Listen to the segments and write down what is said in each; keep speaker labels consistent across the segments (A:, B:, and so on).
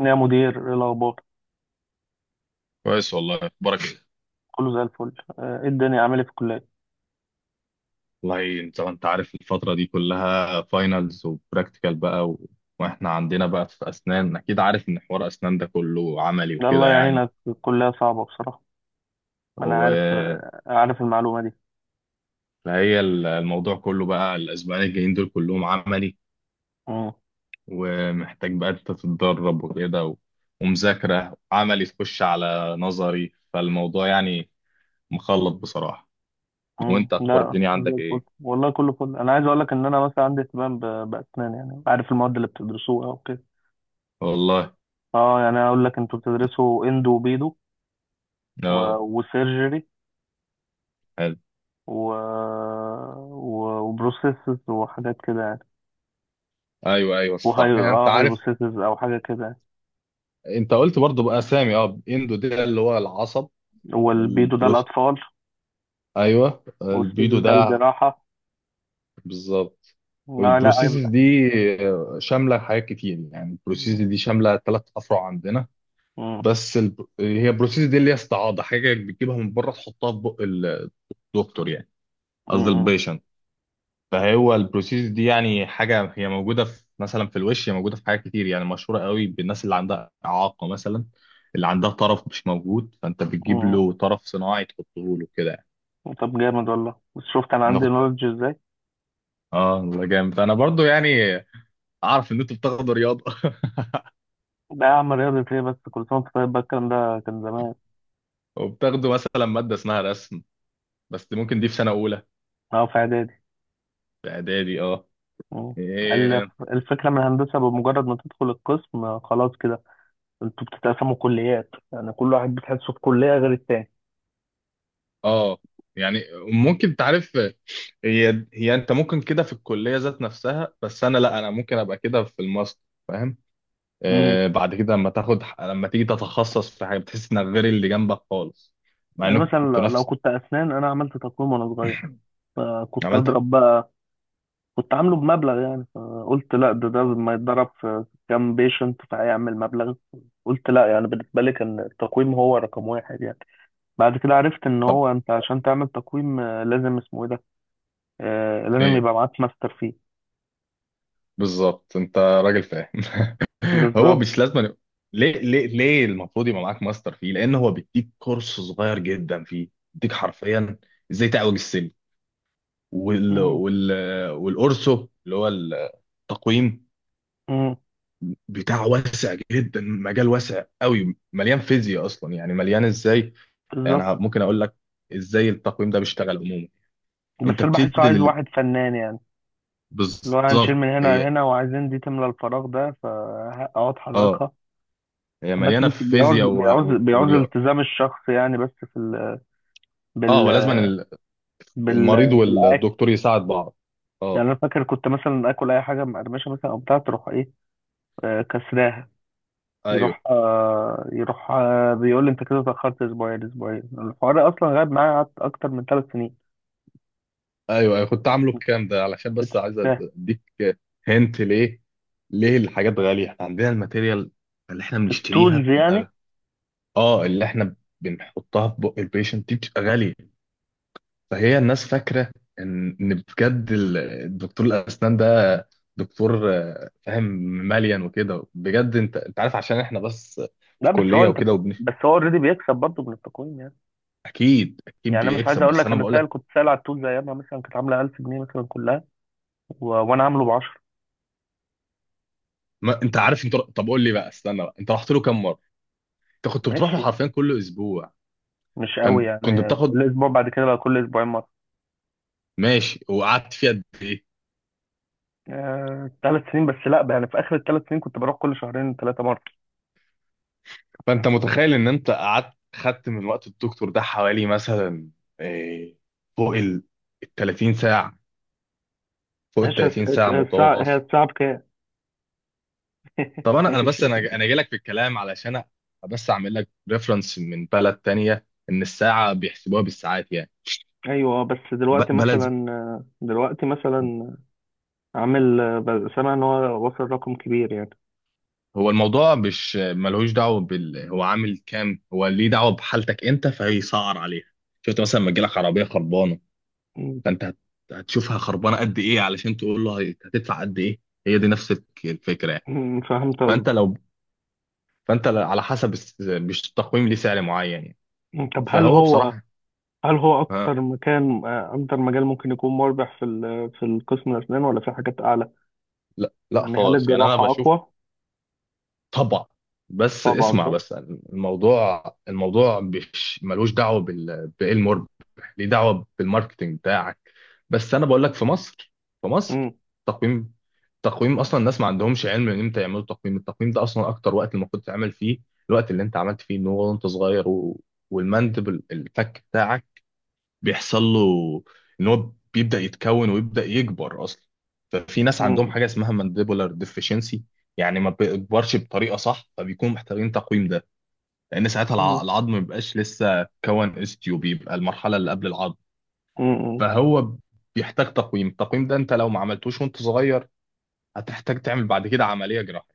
A: يا مدير، إيه الأخبار؟
B: كويس والله، اخبارك ايه؟
A: كله زي الفل. إيه الدنيا، عامل إيه في الكلية؟
B: والله انت عارف الفتره دي كلها فاينلز وبراكتيكال بقى واحنا عندنا بقى في اسنان، اكيد عارف ان حوار اسنان ده كله عملي
A: لا، الله
B: وكده يعني.
A: يعينك، الكلية صعبة بصراحة. ما أنا عارف،
B: و...
A: عارف المعلومة دي.
B: فهي الموضوع كله بقى الاسبوعين الجايين دول كلهم عملي،
A: مم.
B: ومحتاج بقى انت تتدرب وكده. ومذاكره عملي تخش على نظري فالموضوع يعني مخلط بصراحه.
A: مم.
B: وانت اخبار
A: لا
B: الدنيا
A: زي
B: عندك
A: الفل
B: ايه؟
A: والله، كله فل. أنا عايز أقول لك إن أنا مثلا عندي اهتمام بأسنان، يعني عارف المواد اللي بتدرسوها وكده.
B: والله.
A: أه يعني أقول لك، أنتوا بتدرسوا إندو وبيدو و...
B: اه،
A: وسيرجري
B: حلو.
A: و... وبروسيسز وحاجات كده يعني.
B: ايوه ايوه
A: وهي
B: صح. هي انت
A: اه
B: عارف،
A: هايبوسيسز أو حاجة كده يعني.
B: انت قلت برضو بقى سامي، اه، اندو ده اللي هو العصب.
A: والبيدو ده
B: البروس،
A: الأطفال،
B: ايوه البيدو
A: والسيرجري ده
B: ده.
A: الجراحة.
B: بالظبط.
A: لا لا،
B: والبروسيسز
A: هيبقى
B: دي شامله حاجات كتير، يعني
A: مم.
B: البروسيسز دي شامله ثلاث افرع عندنا.
A: مم.
B: بس هي البروسيسز دي اللي هي استعاضه، حاجه بتجيبها من بره تحطها في بق الدكتور، يعني قصدي
A: مم.
B: البيشنت. فهو البروسيس دي يعني حاجة هي موجودة في، مثلا في الوش، هي موجودة في حاجات كتير يعني، مشهورة قوي بالناس اللي عندها إعاقة مثلا، اللي عندها طرف مش موجود فأنت بتجيب
A: مم.
B: له طرف صناعي تحطه له كده يعني.
A: طب جامد والله، بس شفت انا
B: أنا
A: عندي
B: كنت،
A: نولج ازاي؟
B: آه والله جامد. فأنا برضو يعني أعرف إن أنتوا بتاخدوا رياضة
A: لا اعمل رياضة ايه، بس كل سنة وأنت طيب، بقى الكلام ده كان زمان.
B: وبتاخدوا مثلا مادة اسمها رسم، بس ممكن دي في سنة أولى،
A: اه في اعدادي.
B: في إعدادي آه.
A: مم. ال-
B: إيه،
A: الفكرة من الهندسة، بمجرد ما تدخل القسم خلاص كده، انتوا بتتقسموا كليات، يعني كل واحد بتحسه في كلية غير التاني.
B: آه يعني ممكن تعرف، هي أنت ممكن كده في الكلية ذات نفسها، بس أنا لا، أنا ممكن أبقى كده في الماستر، فاهم؟
A: مم.
B: آه، بعد كده لما تاخد، لما تيجي تتخصص في حاجه بتحس انك غير اللي جنبك خالص، مع
A: يعني
B: انكم
A: مثلا،
B: كنتوا
A: لو
B: نفس.
A: كنت اسنان، انا عملت تقويم وانا صغير، فكنت
B: عملت
A: اضرب بقى. كنت عامله بمبلغ يعني، فقلت لا، ده لما يتضرب في كام بيشنت فهيعمل مبلغ. قلت لا، يعني بالنسبة لي كان التقويم هو رقم واحد يعني. بعد كده عرفت ان هو انت عشان تعمل تقويم، آه، لازم اسمه ايه ده، آه، لازم
B: ايه؟
A: يبقى معاك ماستر فيه.
B: بالظبط، انت راجل فاهم هو
A: بالظبط.
B: مش لازم يبقى، ليه ليه ليه المفروض يبقى معاك ماستر فيه؟ لان هو بيديك كورس صغير جدا فيه، بيديك حرفيا ازاي تعوج السلم، وال
A: مم.
B: وال والاورسو اللي هو التقويم
A: مم.
B: بتاعه واسع جدا، مجال واسع قوي، مليان فيزياء اصلا، يعني مليان ازاي. يعني انا
A: بالظبط.
B: ممكن اقول لك ازاي التقويم ده بيشتغل عموما.
A: بس
B: انت
A: اللي بحسه
B: بتدي
A: عايز
B: لل...
A: واحد فنان يعني، اللي هو هنشيل
B: بالظبط،
A: من هنا
B: هي،
A: لهنا وعايزين دي تملى الفراغ ده، فاقعد
B: اه
A: حركها.
B: هي
A: بس
B: مليانه
A: بس
B: في
A: بيعوز
B: فيزياء
A: بيعوز بيعوز
B: ورياضه.
A: التزام الشخص يعني، بس في
B: اه،
A: بال...
B: ولازم المريض
A: بالأكشن.
B: والدكتور يساعد بعض. اه،
A: يعني انا فاكر كنت مثلا اكل اي حاجه مقرمشه مثلا او بتاع، تروح ايه، آه كسراها.
B: ايوه
A: يروح آه، يروح آه بيقول لي انت كده اتاخرت اسبوعين. الحوار اصلا غاب معايا، قعدت اكتر من ثلاث سنين
B: ايوه، ايوه كنت عامله بكام ده
A: ما
B: علشان بس
A: كنتش
B: عايز
A: فاهم.
B: اديك. هنت ليه ليه الحاجات غاليه؟ احنا عندنا الماتيريال اللي احنا بنشتريها
A: التولز يعني.
B: بتبقى، اه، اللي احنا بنحطها في بق البيشنت دي بتبقى غاليه. فهي الناس فاكره ان، إن بجد الدكتور الاسنان ده دكتور، آه، فاهم، مليان وكده بجد. انت انت عارف عشان احنا بس
A: لا
B: في
A: بس هو
B: كليه
A: انت
B: وكده وبن.
A: بس هو اوريدي بيكسب برضه من التقويم يعني.
B: اكيد اكيد
A: يعني انا مش عايز
B: بيكسب،
A: اقول
B: بس
A: لك،
B: انا
A: انا
B: بقول
A: سائل،
B: لك.
A: كنت سائل على التولز ايامها مثلا، كانت عامله 1000 جنيه مثلا كلها، وانا عامله ب 10.
B: ما انت عارف. انت طب قول لي بقى، استنى بقى، انت رحت له كام مره؟ انت كنت بتروح له
A: ماشي،
B: حرفيا كل اسبوع؟
A: مش قوي
B: كان كنت
A: يعني،
B: بتاخد.
A: كل اسبوع، بعد كده بقى كل اسبوعين مره.
B: ماشي، وقعدت فيه قد ايه؟
A: آه، ثلاث سنين، بس لا يعني في اخر الثلاث سنين كنت بروح كل شهرين ثلاثه.
B: فانت متخيل ان انت قعدت خدت من وقت الدكتور ده حوالي مثلا، آه، فوق ال 30 ساعه، فوق ال
A: ماشي.
B: 30 ساعه متواصل.
A: هتصعب كام.
B: طب انا انا
A: ماشي.
B: بس انا انا جاي لك في الكلام علشان بس اعمل لك ريفرنس من بلد تانية ان الساعه بيحسبوها بالساعات يعني.
A: ايوه، آه، بس
B: ب-
A: دلوقتي
B: بلد ز-
A: مثلا، آه، دلوقتي مثلا عامل سامع ان هو وصل رقم كبير يعني.
B: هو الموضوع مش ملهوش دعوه بال، هو عامل كام، هو ليه دعوه بحالتك انت، فهيسعر عليها. شفت مثلا لما تجيلك عربيه خربانه،
A: م-
B: فانت هت- هتشوفها خربانه قد ايه علشان تقول له هتدفع قد ايه. هي دي نفس الفكره يعني.
A: فهمت
B: فانت
A: قصدي.
B: لو، على حسب مش التقويم ليه سعر معين يعني.
A: طب هل
B: فهو
A: هو
B: بصراحه،
A: هل هو
B: ها،
A: اكتر مكان، آه، اكتر مجال ممكن يكون مربح في في القسم الاسنان، ولا في حاجات اعلى؟
B: لا لا
A: يعني هل
B: خالص يعني، انا
A: الجراحة
B: بشوف.
A: اقوى؟
B: طبعا، بس
A: طبعا
B: اسمع
A: صح.
B: بس، الموضوع مش ملوش دعوه بال، بايه المربح، ليه دعوه بالماركتنج بتاعك. بس انا بقول لك، في مصر في
A: م-
B: مصر تقويم تقويم اصلا الناس ما عندهمش علم ان امتى يعملوا تقويم. التقويم ده اصلا اكتر وقت المفروض تعمل فيه الوقت اللي انت عملت فيه، ان هو وانت صغير، والمندب، الفك بتاعك بيحصل له ان هو بيبدا يتكون ويبدا يكبر اصلا. ففي ناس عندهم
A: م-
B: حاجه اسمها مانديبولار ديفيشنسي، يعني ما بيكبرش بطريقه صح، فبيكونوا محتاجين تقويم ده. لان ساعتها
A: م-
B: العظم ما بيبقاش لسه كون استيو، بيبقى المرحله اللي قبل العظم،
A: م- م-
B: فهو بيحتاج تقويم. التقويم ده انت لو ما عملتوش وانت صغير، هتحتاج تعمل بعد كده عمليه جراحيه،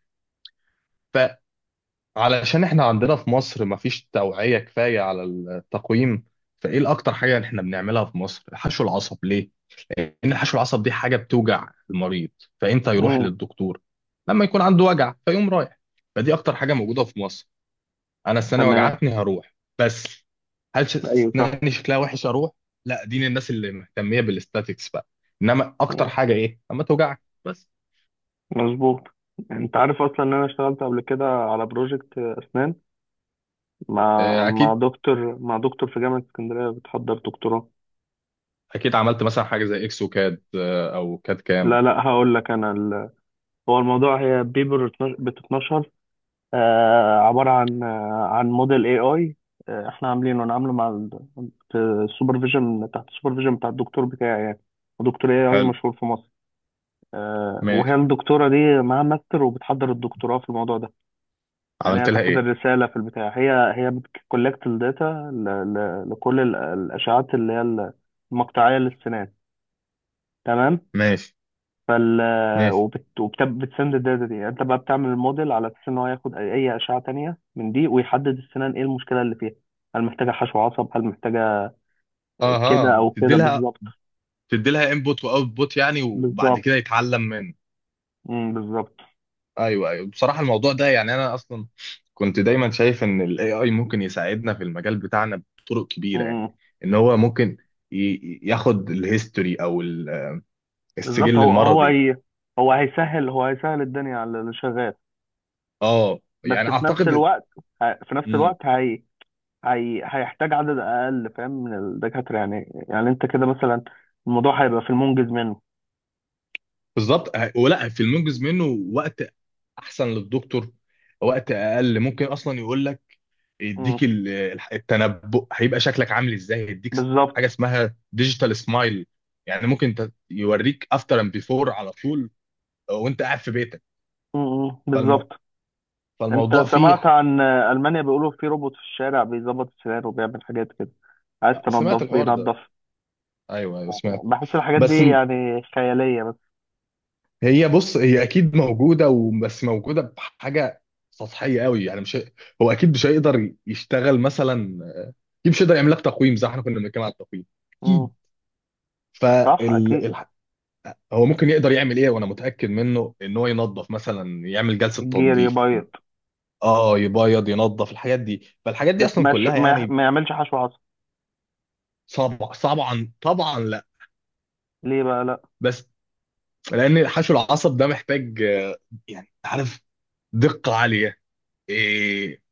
B: علشان احنا عندنا في مصر مفيش توعية كفاية على التقويم. فايه الاكتر حاجة احنا بنعملها في مصر؟ حشو العصب. ليه؟ لان حشو العصب دي حاجة بتوجع المريض، فامتى يروح
A: م-
B: للدكتور؟ لما يكون عنده وجع فيقوم رايح، فدي اكتر حاجة موجودة في مصر. انا السنة
A: تمام.
B: وجعتني هروح بس.
A: ايوه صح.
B: اسناني شكلها وحش اروح؟ لا، دي الناس اللي مهتمية بالاستاتيكس بقى، انما اكتر حاجة ايه؟ اما توجعك بس.
A: مظبوط. انت عارف اصلا ان انا اشتغلت قبل كده على بروجكت اسنان، مع
B: آه،
A: مع
B: اكيد
A: دكتور مع دكتور في جامعة اسكندرية بتحضر دكتوراه.
B: اكيد. عملت مثلا حاجة زي اكسو كاد، آه، او كاد كام؟
A: لا لا هقول لك، انا هو الموضوع، هي بيبر بتتنشر، آه عبارة عن، آه عن موديل اي اي، آه احنا عاملينه، انا عامله مع ال... في السوبرفيجن تحت السوبرفيجن بتاع الدكتور بتاعي يعني، دكتور اي اي
B: حلو.
A: مشهور في مصر. آه، وهي
B: ماشي.
A: الدكتورة دي معاها ماستر وبتحضر الدكتوراه في الموضوع ده، يعني هي
B: عملت لها
A: تاخد
B: ايه؟
A: الرسالة في البتاع. هي بتكولكت الداتا لكل الأشعات اللي هي المقطعية للسنان، تمام.
B: ماشي.
A: فال،
B: ماشي.
A: وبتسند الداتا دي، انت بقى بتعمل الموديل على اساس ان هو ياخد اي أي اشعه تانية من دي، ويحدد السنان ايه المشكله اللي فيها، هل محتاجه حشو عصب، هل محتاجه كده
B: اها
A: او
B: تدي
A: كده.
B: لها،
A: بالظبط.
B: تدي لها انبوت واوتبوت يعني، وبعد
A: بالظبط.
B: كده يتعلم منه.
A: امم، بالظبط.
B: ايوه ايوه، بصراحه الموضوع ده يعني، انا اصلا كنت دايما شايف ان الاي اي ممكن يساعدنا في المجال بتاعنا بطرق كبيره يعني،
A: امم،
B: ان هو ممكن ياخد الهيستوري او
A: بالظبط.
B: السجل
A: هو هو
B: المرضي.
A: هي هو هيسهل، هيسهل الدنيا على اللي شغال.
B: اه
A: بس
B: يعني
A: في نفس
B: اعتقد.
A: الوقت، في نفس
B: امم،
A: الوقت هي هيحتاج عدد اقل، فاهم، من الدكاتره يعني. يعني انت كده مثلا، الموضوع هيبقى في المنجز منه.
B: بالظبط، ولا في المنجز منه، وقت احسن للدكتور، وقت اقل. ممكن اصلا يقول لك، يديك
A: امم،
B: التنبؤ هيبقى شكلك عامل ازاي، يديك حاجه
A: بالظبط.
B: اسمها ديجيتال سمايل، يعني ممكن يوريك افتر اند بيفور على طول وانت قاعد في بيتك.
A: امم،
B: فالم...
A: بالظبط. انت
B: فالموضوع فيه
A: سمعت عن المانيا؟ بيقولوا في روبوت في الشارع بيظبط السير وبيعمل حاجات كده، عايز
B: سمعت
A: تنظف
B: الحوار ده.
A: بينظف.
B: ايوه ايوه سمعت.
A: بحس الحاجات
B: بس
A: دي
B: م-
A: يعني خياليه بس.
B: هي بص، هي اكيد موجوده، وبس موجوده بحاجه سطحيه قوي يعني، مش هو اكيد مش هيقدر يشتغل مثلا، اكيد مش هيقدر يعمل لك تقويم زي ما احنا كنا بنتكلم على التقويم،
A: امم.
B: اكيد.
A: صح، اكيد.
B: فالحقيقه، هو ممكن يقدر يعمل ايه وانا متاكد منه ان هو ينظف مثلا، يعمل جلسه
A: الجير،
B: تنظيف.
A: يبيض.
B: اه يبيض، ينظف، الحاجات دي، فالحاجات دي
A: بس
B: اصلا
A: ما يش...
B: كلها
A: ما,
B: يعني
A: ما يعملش حشو عصب،
B: صعبه، طبعا طبعا لا.
A: ليه بقى لا؟
B: بس لان حشو العصب ده محتاج، آه، يعني عارف، دقه عاليه. إيه،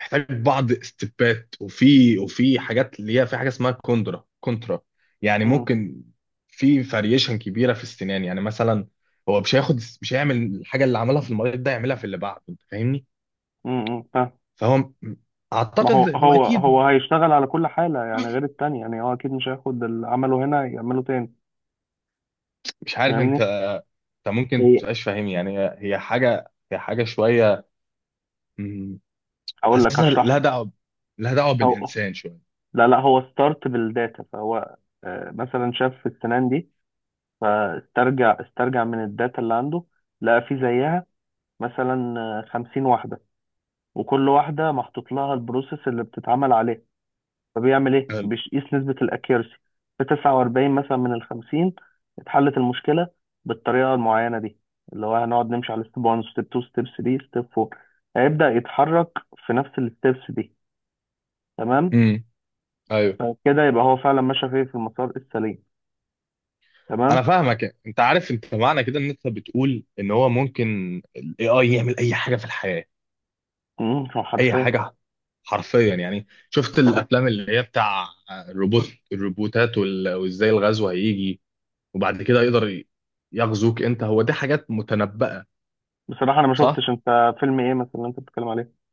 B: محتاج بعض استبات، وفي وفي حاجات اللي هي، في حاجه اسمها كوندرا كونترا، يعني
A: امم.
B: ممكن في فاريشن كبيره في السنان، يعني مثلا هو مش هياخد، مش هيعمل الحاجه اللي عملها في المريض ده يعملها في اللي بعده، انت فاهمني؟
A: امم.
B: فهو م-
A: ما هو،
B: اعتقد هو
A: هو
B: اكيد.
A: هو هيشتغل على كل حالة يعني غير التانية، يعني هو أكيد مش هياخد اللي عمله هنا يعمله تاني.
B: مش عارف انت،
A: فاهمني؟
B: انت ممكن
A: هي،
B: متبقاش فاهم يعني، هي حاجه هي حاجه شويه، مم،
A: أقول لك
B: حاسسها
A: أشرح
B: لها
A: لك.
B: دعوه، لها دعوه
A: هو،
B: بالانسان شويه.
A: لا لا، هو ستارت بالداتا، فهو آه، مثلا شاف في السنان دي، استرجع من الداتا اللي عنده، لقى في زيها مثلا خمسين واحدة، وكل واحدة محطوط لها البروسيس اللي بتتعمل عليها. فبيعمل ايه،
B: حلو.
A: بيقيس نسبة الاكيرسي، في 49 مثلا من ال 50 اتحلت المشكلة بالطريقة المعينة دي، اللي هو هنقعد نمشي على ستيب 1، ستيب 2، ستيب 3، ستيب 4. هيبدأ يتحرك في نفس الستيبس دي. تمام.
B: امم. ايوه،
A: فكده يبقى هو فعلا ماشي في في المسار السليم تمام
B: انا فاهمك. انت عارف انت معنى كده ان انت بتقول ان هو ممكن الاي اي يعمل اي حاجه في الحياه،
A: امم. هو
B: اي
A: حرفيا.
B: حاجه حرفيا، يعني شفت الافلام اللي هي بتاع الروبوت، الروبوتات وازاي الغزو هيجي، وبعد كده يقدر يغزوك انت. هو دي حاجات متنبأة،
A: بصراحة انا ما
B: صح.
A: شفتش، انت فيلم ايه مثلا اللي انت بتتكلم عليه؟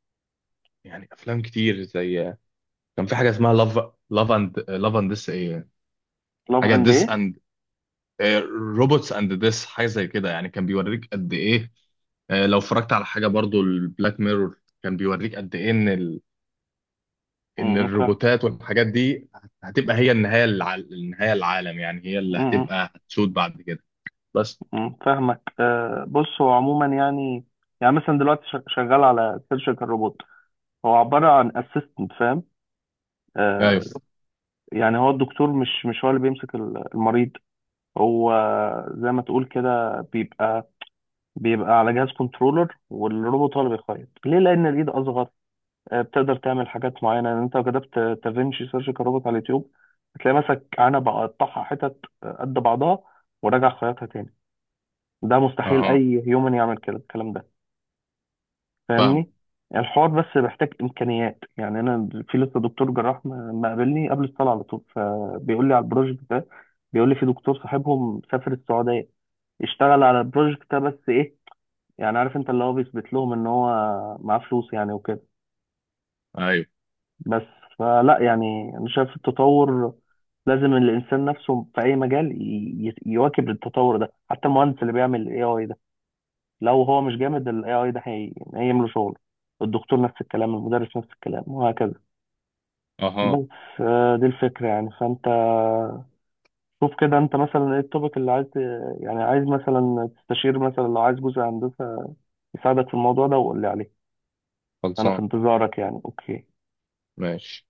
B: يعني افلام كتير، زي كان في حاجه اسمها لاف، لاف اند، لاف اند ديس ايه،
A: لاف
B: حاجه
A: اند ايه؟
B: ديس اند روبوتس اند ديس، حاجه زي كده يعني، كان بيوريك قد ايه. آه، لو اتفرجت على حاجه برضو، البلاك ميرور، كان بيوريك قد ايه ان ال، ان
A: امم، فاهم.
B: الروبوتات والحاجات دي هتبقى هي النهايه، النهايه العالم يعني، هي اللي
A: امم.
B: هتبقى هتسود بعد كده بس.
A: أمم، فاهمك. آه بص هو عموما يعني، يعني مثلا دلوقتي شغال على سيرجيكال روبوت، هو عبارة عن اسيستنت فاهم،
B: ايوه.
A: آه. يعني هو الدكتور مش هو اللي بيمسك المريض. هو زي ما تقول كده، بيبقى على جهاز كنترولر، والروبوت هو اللي بيخيط ليه لان الايد اصغر. آه بتقدر تعمل حاجات معينة يعني. انت لو كتبت تافينشي سيرجيكال روبوت على اليوتيوب، هتلاقي مسك عنبة، قطعها حتت قد بعضها، وراجع خيطها تاني. ده مستحيل
B: اها،
A: اي هيومن يعمل كده الكلام ده،
B: فاهم.
A: فاهمني. يعني الحوار بس محتاج امكانيات يعني. انا في لسه دكتور جراح ما قابلني قبل الصلاه على طول، فبيقول لي على البروجكت ده، بيقول لي في دكتور صاحبهم سافر السعوديه، اشتغل على البروجكت ده، بس ايه، يعني عارف انت، اللي هو بيثبت لهم ان هو معاه فلوس يعني وكده.
B: ايوه.
A: بس فلا يعني، انا شايف التطور، لازم الانسان نفسه في اي مجال يواكب التطور ده، حتى المهندس اللي بيعمل اي اي، لو هو مش جامد ال AI ده هيملى شغله، الدكتور نفس الكلام، المدرس نفس الكلام، وهكذا.
B: اها.
A: بس آه، دي الفكرة يعني. فأنت شوف كده، أنت مثلا إيه التوبيك اللي عايز يعني عايز مثلا تستشير، مثلا لو عايز جزء هندسة يساعدك في الموضوع ده، وقول لي عليه. أنا في
B: خلصان.
A: انتظارك يعني. أوكي.
B: ماشي.